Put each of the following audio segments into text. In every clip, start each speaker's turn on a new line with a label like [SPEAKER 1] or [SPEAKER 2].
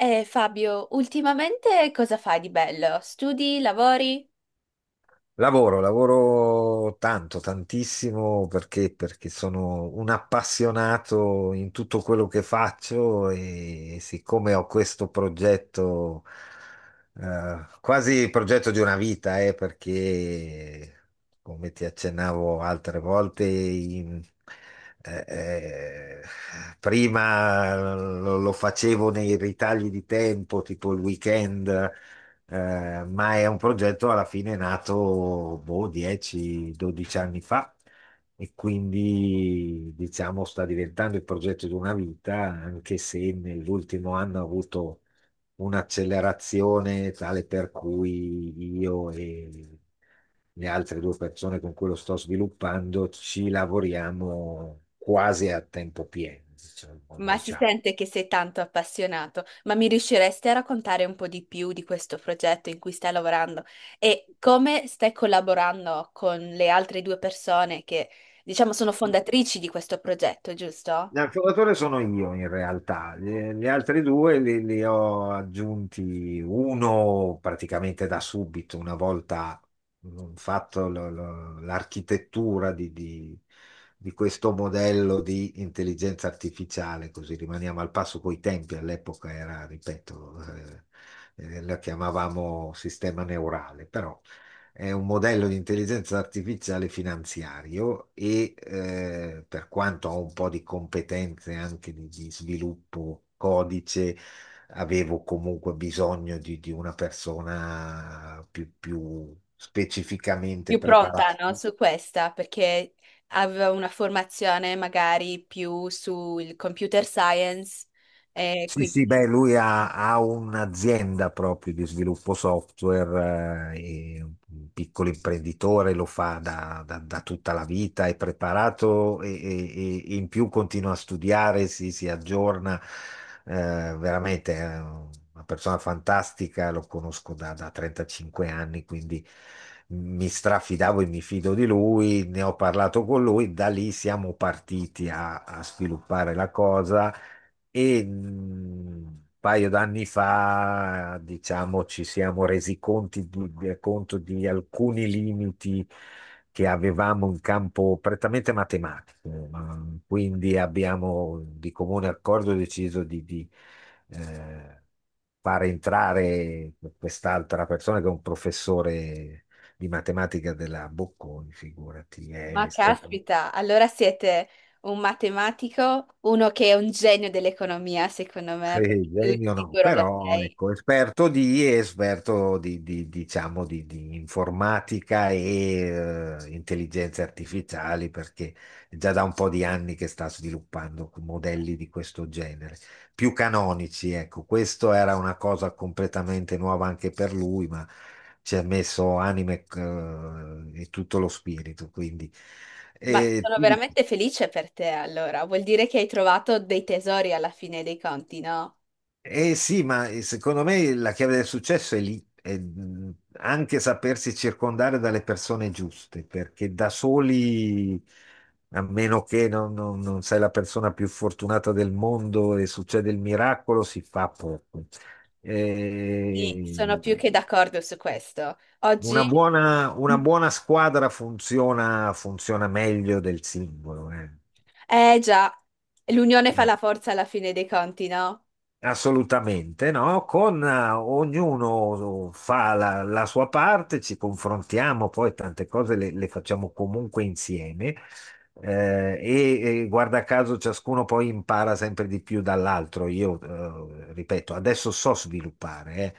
[SPEAKER 1] Fabio, ultimamente cosa fai di bello? Studi, lavori?
[SPEAKER 2] Lavoro, lavoro tanto, tantissimo perché, perché sono un appassionato in tutto quello che faccio e siccome ho questo progetto, quasi il progetto di una vita, perché come ti accennavo altre volte, eh, eh, prima lo facevo nei ritagli di tempo, tipo il weekend. Ma è un progetto alla fine nato boh, 10-12 anni fa e quindi diciamo sta diventando il progetto di una vita, anche se nell'ultimo anno ha avuto un'accelerazione tale per cui io e le altre due persone con cui lo sto sviluppando ci lavoriamo quasi a tempo pieno, diciamo.
[SPEAKER 1] Ma si
[SPEAKER 2] Diciamo.
[SPEAKER 1] sente che sei tanto appassionato, ma mi riusciresti a raccontare un po' di più di questo progetto in cui stai lavorando e come stai collaborando con le altre due persone che, diciamo, sono fondatrici di questo progetto, giusto?
[SPEAKER 2] L'affidatore sono io in realtà, gli altri due li ho aggiunti uno praticamente da subito, una volta fatto l'architettura di questo modello di intelligenza artificiale, così rimaniamo al passo coi tempi, all'epoca era, ripeto, la chiamavamo sistema neurale, però è un modello di intelligenza artificiale finanziario e per quanto ho un po' di competenze anche di sviluppo codice, avevo comunque bisogno di una persona più specificamente
[SPEAKER 1] Più
[SPEAKER 2] preparata.
[SPEAKER 1] pronta, no? Su questa, perché aveva una formazione magari più sul computer science e
[SPEAKER 2] Sì,
[SPEAKER 1] quindi...
[SPEAKER 2] sì, beh, lui ha un'azienda proprio di sviluppo software, è un piccolo imprenditore, lo fa da tutta la vita, è preparato e in più continua a studiare, si aggiorna, veramente è una persona fantastica, lo conosco da 35 anni, quindi mi strafidavo e mi fido di lui, ne ho parlato con lui, da lì siamo partiti a a sviluppare la cosa e un paio d'anni fa, diciamo, ci siamo resi conti conto di alcuni limiti che avevamo in campo prettamente matematico. Mm. Quindi abbiamo di comune accordo deciso eh, far entrare quest'altra persona che è un professore di matematica della Bocconi, figurati, è
[SPEAKER 1] Ma
[SPEAKER 2] estremamente...
[SPEAKER 1] caspita, allora siete un matematico, uno che è un genio dell'economia, secondo me, perché
[SPEAKER 2] Sì,
[SPEAKER 1] tu di
[SPEAKER 2] genio no,
[SPEAKER 1] sicuro lo
[SPEAKER 2] però
[SPEAKER 1] sei.
[SPEAKER 2] ecco, esperto diciamo, di informatica e intelligenze artificiali, perché è già da un po' di anni che sta sviluppando modelli di questo genere, più canonici, ecco, questo era una cosa completamente nuova anche per lui, ma ci ha messo anime e tutto lo spirito, quindi...
[SPEAKER 1] Ma
[SPEAKER 2] E
[SPEAKER 1] sono
[SPEAKER 2] ti dico,
[SPEAKER 1] veramente felice per te, allora. Vuol dire che hai trovato dei tesori alla fine dei conti, no?
[SPEAKER 2] eh sì, ma secondo me la chiave del successo è lì, è anche sapersi circondare dalle persone giuste, perché da soli, a meno che non sei la persona più fortunata del mondo e succede il miracolo, si fa poco.
[SPEAKER 1] Sì, sono
[SPEAKER 2] Eh,
[SPEAKER 1] più che d'accordo su questo. Oggi,
[SPEAKER 2] una buona squadra funziona, funziona meglio del singolo, eh.
[SPEAKER 1] eh già, l'unione fa la forza alla fine dei conti, no?
[SPEAKER 2] Assolutamente, no? Con ognuno fa la sua parte, ci confrontiamo, poi tante cose le facciamo comunque insieme e guarda caso ciascuno poi impara sempre di più dall'altro. Io, ripeto, adesso so sviluppare,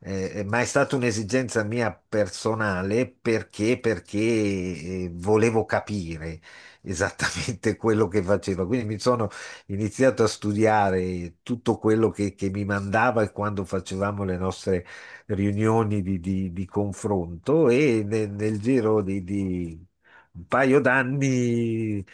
[SPEAKER 2] ma è stata un'esigenza mia personale perché volevo capire esattamente quello che facevo, quindi mi sono iniziato a studiare tutto quello che mi mandava quando facevamo le nostre riunioni di confronto e nel giro di un paio d'anni,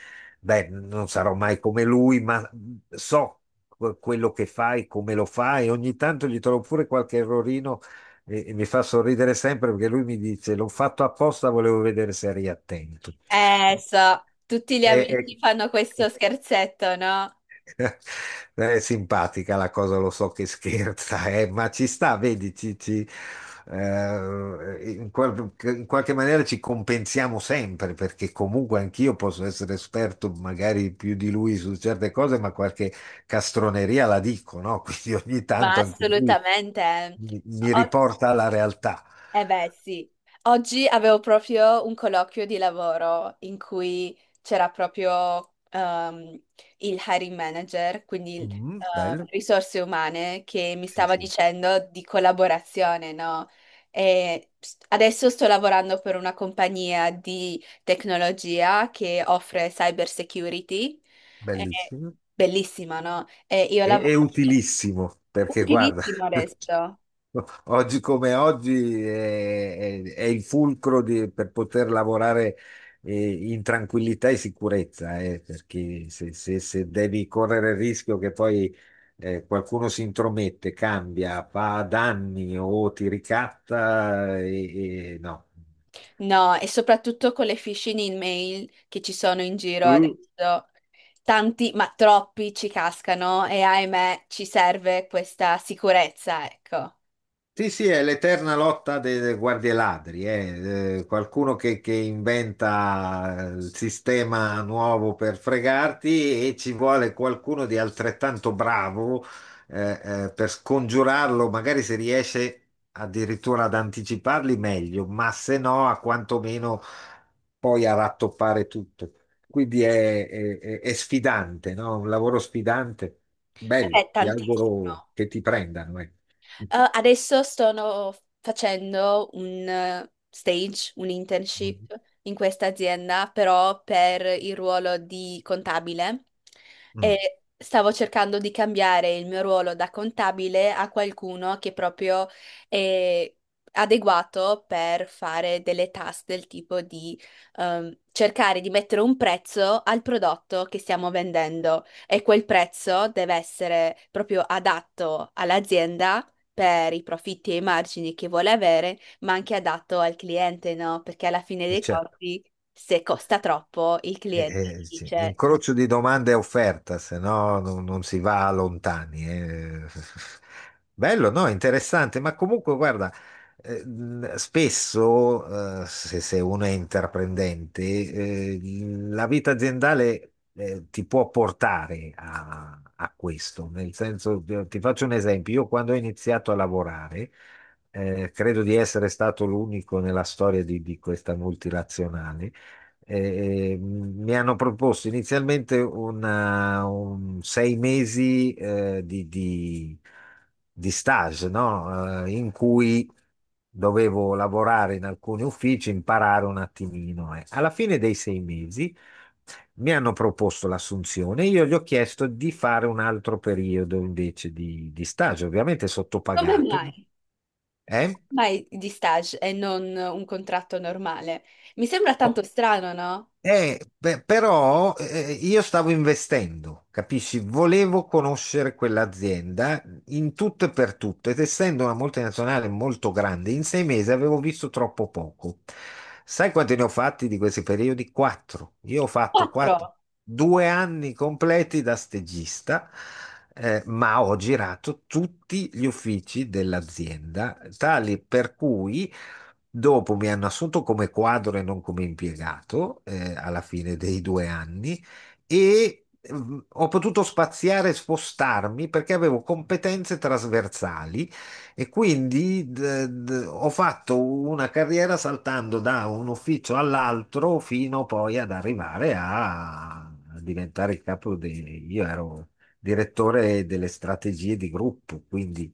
[SPEAKER 2] beh, non sarò mai come lui, ma so quello che fai, come lo fai, ogni tanto gli trovo pure qualche errorino. E mi fa sorridere sempre perché lui mi dice: "L'ho fatto apposta, volevo vedere se eri attento."
[SPEAKER 1] So, tutti gli
[SPEAKER 2] E, e-
[SPEAKER 1] amici fanno questo scherzetto, no?
[SPEAKER 2] È simpatica la cosa, lo so che scherza, ma ci sta, vedi, in qualche maniera ci compensiamo sempre, perché comunque anch'io posso essere esperto magari più di lui su certe cose, ma qualche castroneria la dico, no? Quindi ogni
[SPEAKER 1] Ma
[SPEAKER 2] tanto anche lui
[SPEAKER 1] assolutamente.
[SPEAKER 2] mi riporta alla realtà.
[SPEAKER 1] Eh beh, sì. Oggi avevo proprio un colloquio di lavoro in cui c'era proprio il hiring manager, quindi il,
[SPEAKER 2] Mm, bello,
[SPEAKER 1] risorse umane, che mi
[SPEAKER 2] sì,
[SPEAKER 1] stava
[SPEAKER 2] sì,
[SPEAKER 1] dicendo di collaborazione, no? Adesso sto lavorando per una compagnia di tecnologia che offre cyber security. È
[SPEAKER 2] bellissimo
[SPEAKER 1] bellissima, no? E io
[SPEAKER 2] e
[SPEAKER 1] lavoro
[SPEAKER 2] utilissimo, perché guarda.
[SPEAKER 1] utilissimo adesso.
[SPEAKER 2] Oggi come oggi è, è il fulcro di, per poter lavorare in tranquillità e sicurezza, perché se, se devi correre il rischio che poi qualcuno si intromette, cambia, fa danni o ti ricatta, e no.
[SPEAKER 1] No, e soprattutto con le phishing email che ci sono in giro adesso, tanti, ma troppi ci cascano e ahimè ci serve questa sicurezza, ecco.
[SPEAKER 2] Sì, sì, è l'eterna lotta dei, dei guardie ladri, eh. Qualcuno che inventa il sistema nuovo per fregarti e ci vuole qualcuno di altrettanto bravo per scongiurarlo, magari se riesce addirittura ad anticiparli meglio, ma se no a quantomeno poi a rattoppare tutto. Quindi è, è sfidante, no? Un lavoro sfidante,
[SPEAKER 1] Eh
[SPEAKER 2] bello,
[SPEAKER 1] beh,
[SPEAKER 2] ti
[SPEAKER 1] tantissimo.
[SPEAKER 2] auguro che ti prendano, eh.
[SPEAKER 1] Adesso sto facendo un stage, un internship in questa azienda, però per il ruolo di contabile
[SPEAKER 2] Mm,
[SPEAKER 1] e stavo cercando di cambiare il mio ruolo da contabile a qualcuno che proprio è adeguato per fare delle task del tipo di cercare di mettere un prezzo al prodotto che stiamo vendendo e quel prezzo deve essere proprio adatto all'azienda per i profitti e i margini che vuole avere, ma anche adatto al cliente, no? Perché alla fine dei
[SPEAKER 2] certo.
[SPEAKER 1] conti, se costa troppo, il
[SPEAKER 2] Eh,
[SPEAKER 1] cliente
[SPEAKER 2] sì.
[SPEAKER 1] dice "Mm,
[SPEAKER 2] Incrocio di domande e offerta, se no non si va lontani, eh. Bello, no? Interessante, ma comunque guarda, spesso se, uno è intraprendente, la vita aziendale ti può portare a questo. Nel senso, ti faccio un esempio, io quando ho iniziato a lavorare, credo di essere stato l'unico nella storia di questa multinazionale. Mi hanno proposto inizialmente un sei mesi di stage, no? In cui dovevo lavorare in alcuni uffici, imparare un attimino, eh. Alla fine dei sei mesi mi hanno proposto l'assunzione, io gli ho chiesto di fare un altro periodo invece di stage, ovviamente
[SPEAKER 1] come
[SPEAKER 2] sottopagato,
[SPEAKER 1] mai?
[SPEAKER 2] eh.
[SPEAKER 1] Mai di stage e non un contratto normale? Mi sembra tanto strano, no?
[SPEAKER 2] Beh, però io stavo investendo, capisci? Volevo conoscere quell'azienda in tutto e per tutto ed essendo una multinazionale molto grande, in sei mesi avevo visto troppo poco. Sai quanti ne ho fatti di questi periodi? Quattro. Io ho fatto quattro-
[SPEAKER 1] Quattro,
[SPEAKER 2] due anni completi da stagista, ma ho girato tutti gli uffici dell'azienda, tali per cui dopo mi hanno assunto come quadro e non come impiegato, alla fine dei due anni e ho potuto spaziare e spostarmi perché avevo competenze trasversali e quindi ho fatto una carriera saltando da un ufficio all'altro fino poi ad arrivare a a diventare il capo di... Io ero direttore delle strategie di gruppo, quindi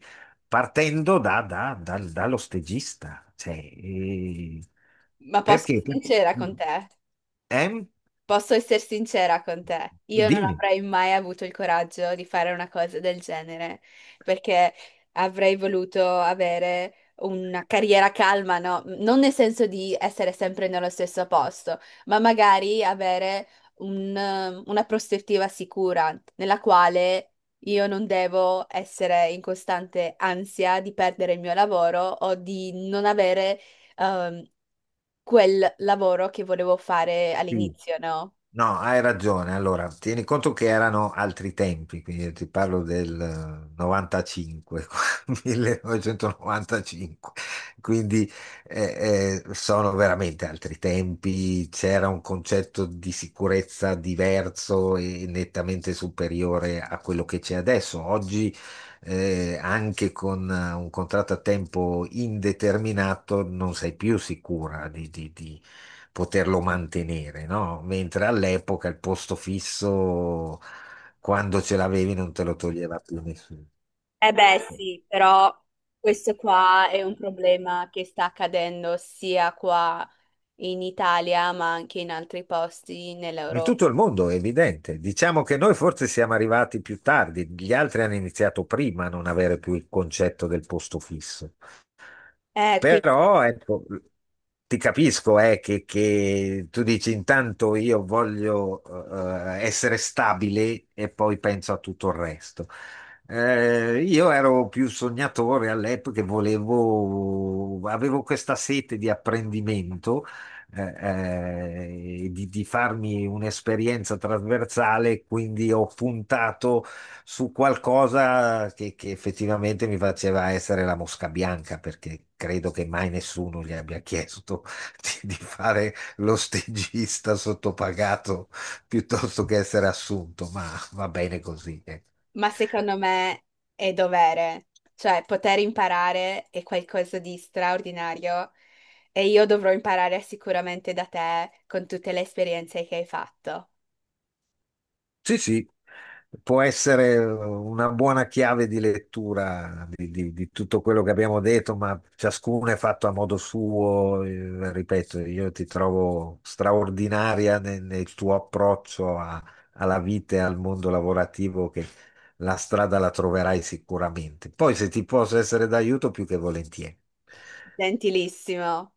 [SPEAKER 2] partendo dallo stagista. Cioè,
[SPEAKER 1] ma posso
[SPEAKER 2] perché?
[SPEAKER 1] essere sincera con te.
[SPEAKER 2] Eh?
[SPEAKER 1] Posso essere sincera con te, io non
[SPEAKER 2] Dimmi.
[SPEAKER 1] avrei mai avuto il coraggio di fare una cosa del genere, perché avrei voluto avere una carriera calma, no? Non nel senso di essere sempre nello stesso posto, ma magari avere un, una prospettiva sicura nella quale io non devo essere in costante ansia di perdere il mio lavoro o di non avere... ehm, quel lavoro che volevo fare
[SPEAKER 2] Sì.
[SPEAKER 1] all'inizio, no?
[SPEAKER 2] No, hai ragione. Allora, tieni conto che erano altri tempi, quindi io ti parlo del 95, 1995, quindi sono veramente altri tempi, c'era un concetto di sicurezza diverso e nettamente superiore a quello che c'è adesso. Oggi, anche con un contratto a tempo indeterminato, non sei più sicura poterlo mantenere, no? Mentre all'epoca il posto fisso, quando ce l'avevi, non te lo toglieva più nessuno.
[SPEAKER 1] Eh beh, sì, però questo qua è un problema che sta accadendo sia qua in Italia, ma anche in altri posti
[SPEAKER 2] In
[SPEAKER 1] nell'Europa.
[SPEAKER 2] tutto il mondo è evidente. Diciamo che noi forse siamo arrivati più tardi, gli altri hanno iniziato prima a non avere più il concetto del posto fisso.
[SPEAKER 1] Eh, qui-
[SPEAKER 2] Però ecco, ti capisco che tu dici intanto io voglio essere stabile e poi penso a tutto il resto. Io ero più sognatore all'epoca, e volevo, avevo questa sete di apprendimento, di farmi un'esperienza trasversale, quindi ho puntato su qualcosa che effettivamente mi faceva essere la mosca bianca, perché credo che mai nessuno gli abbia chiesto di fare lo stagista sottopagato piuttosto che essere assunto, ma va bene così, ecco.
[SPEAKER 1] ma secondo me è dovere, cioè poter imparare è qualcosa di straordinario e io dovrò imparare sicuramente da te con tutte le esperienze che hai fatto.
[SPEAKER 2] Sì, sì, può essere una buona chiave di lettura di tutto quello che abbiamo detto, ma ciascuno è fatto a modo suo. Ripeto, io ti trovo straordinaria nel tuo approccio alla vita e al mondo lavorativo, che la strada la troverai sicuramente. Poi, se ti posso essere d'aiuto, più che volentieri.
[SPEAKER 1] Gentilissimo.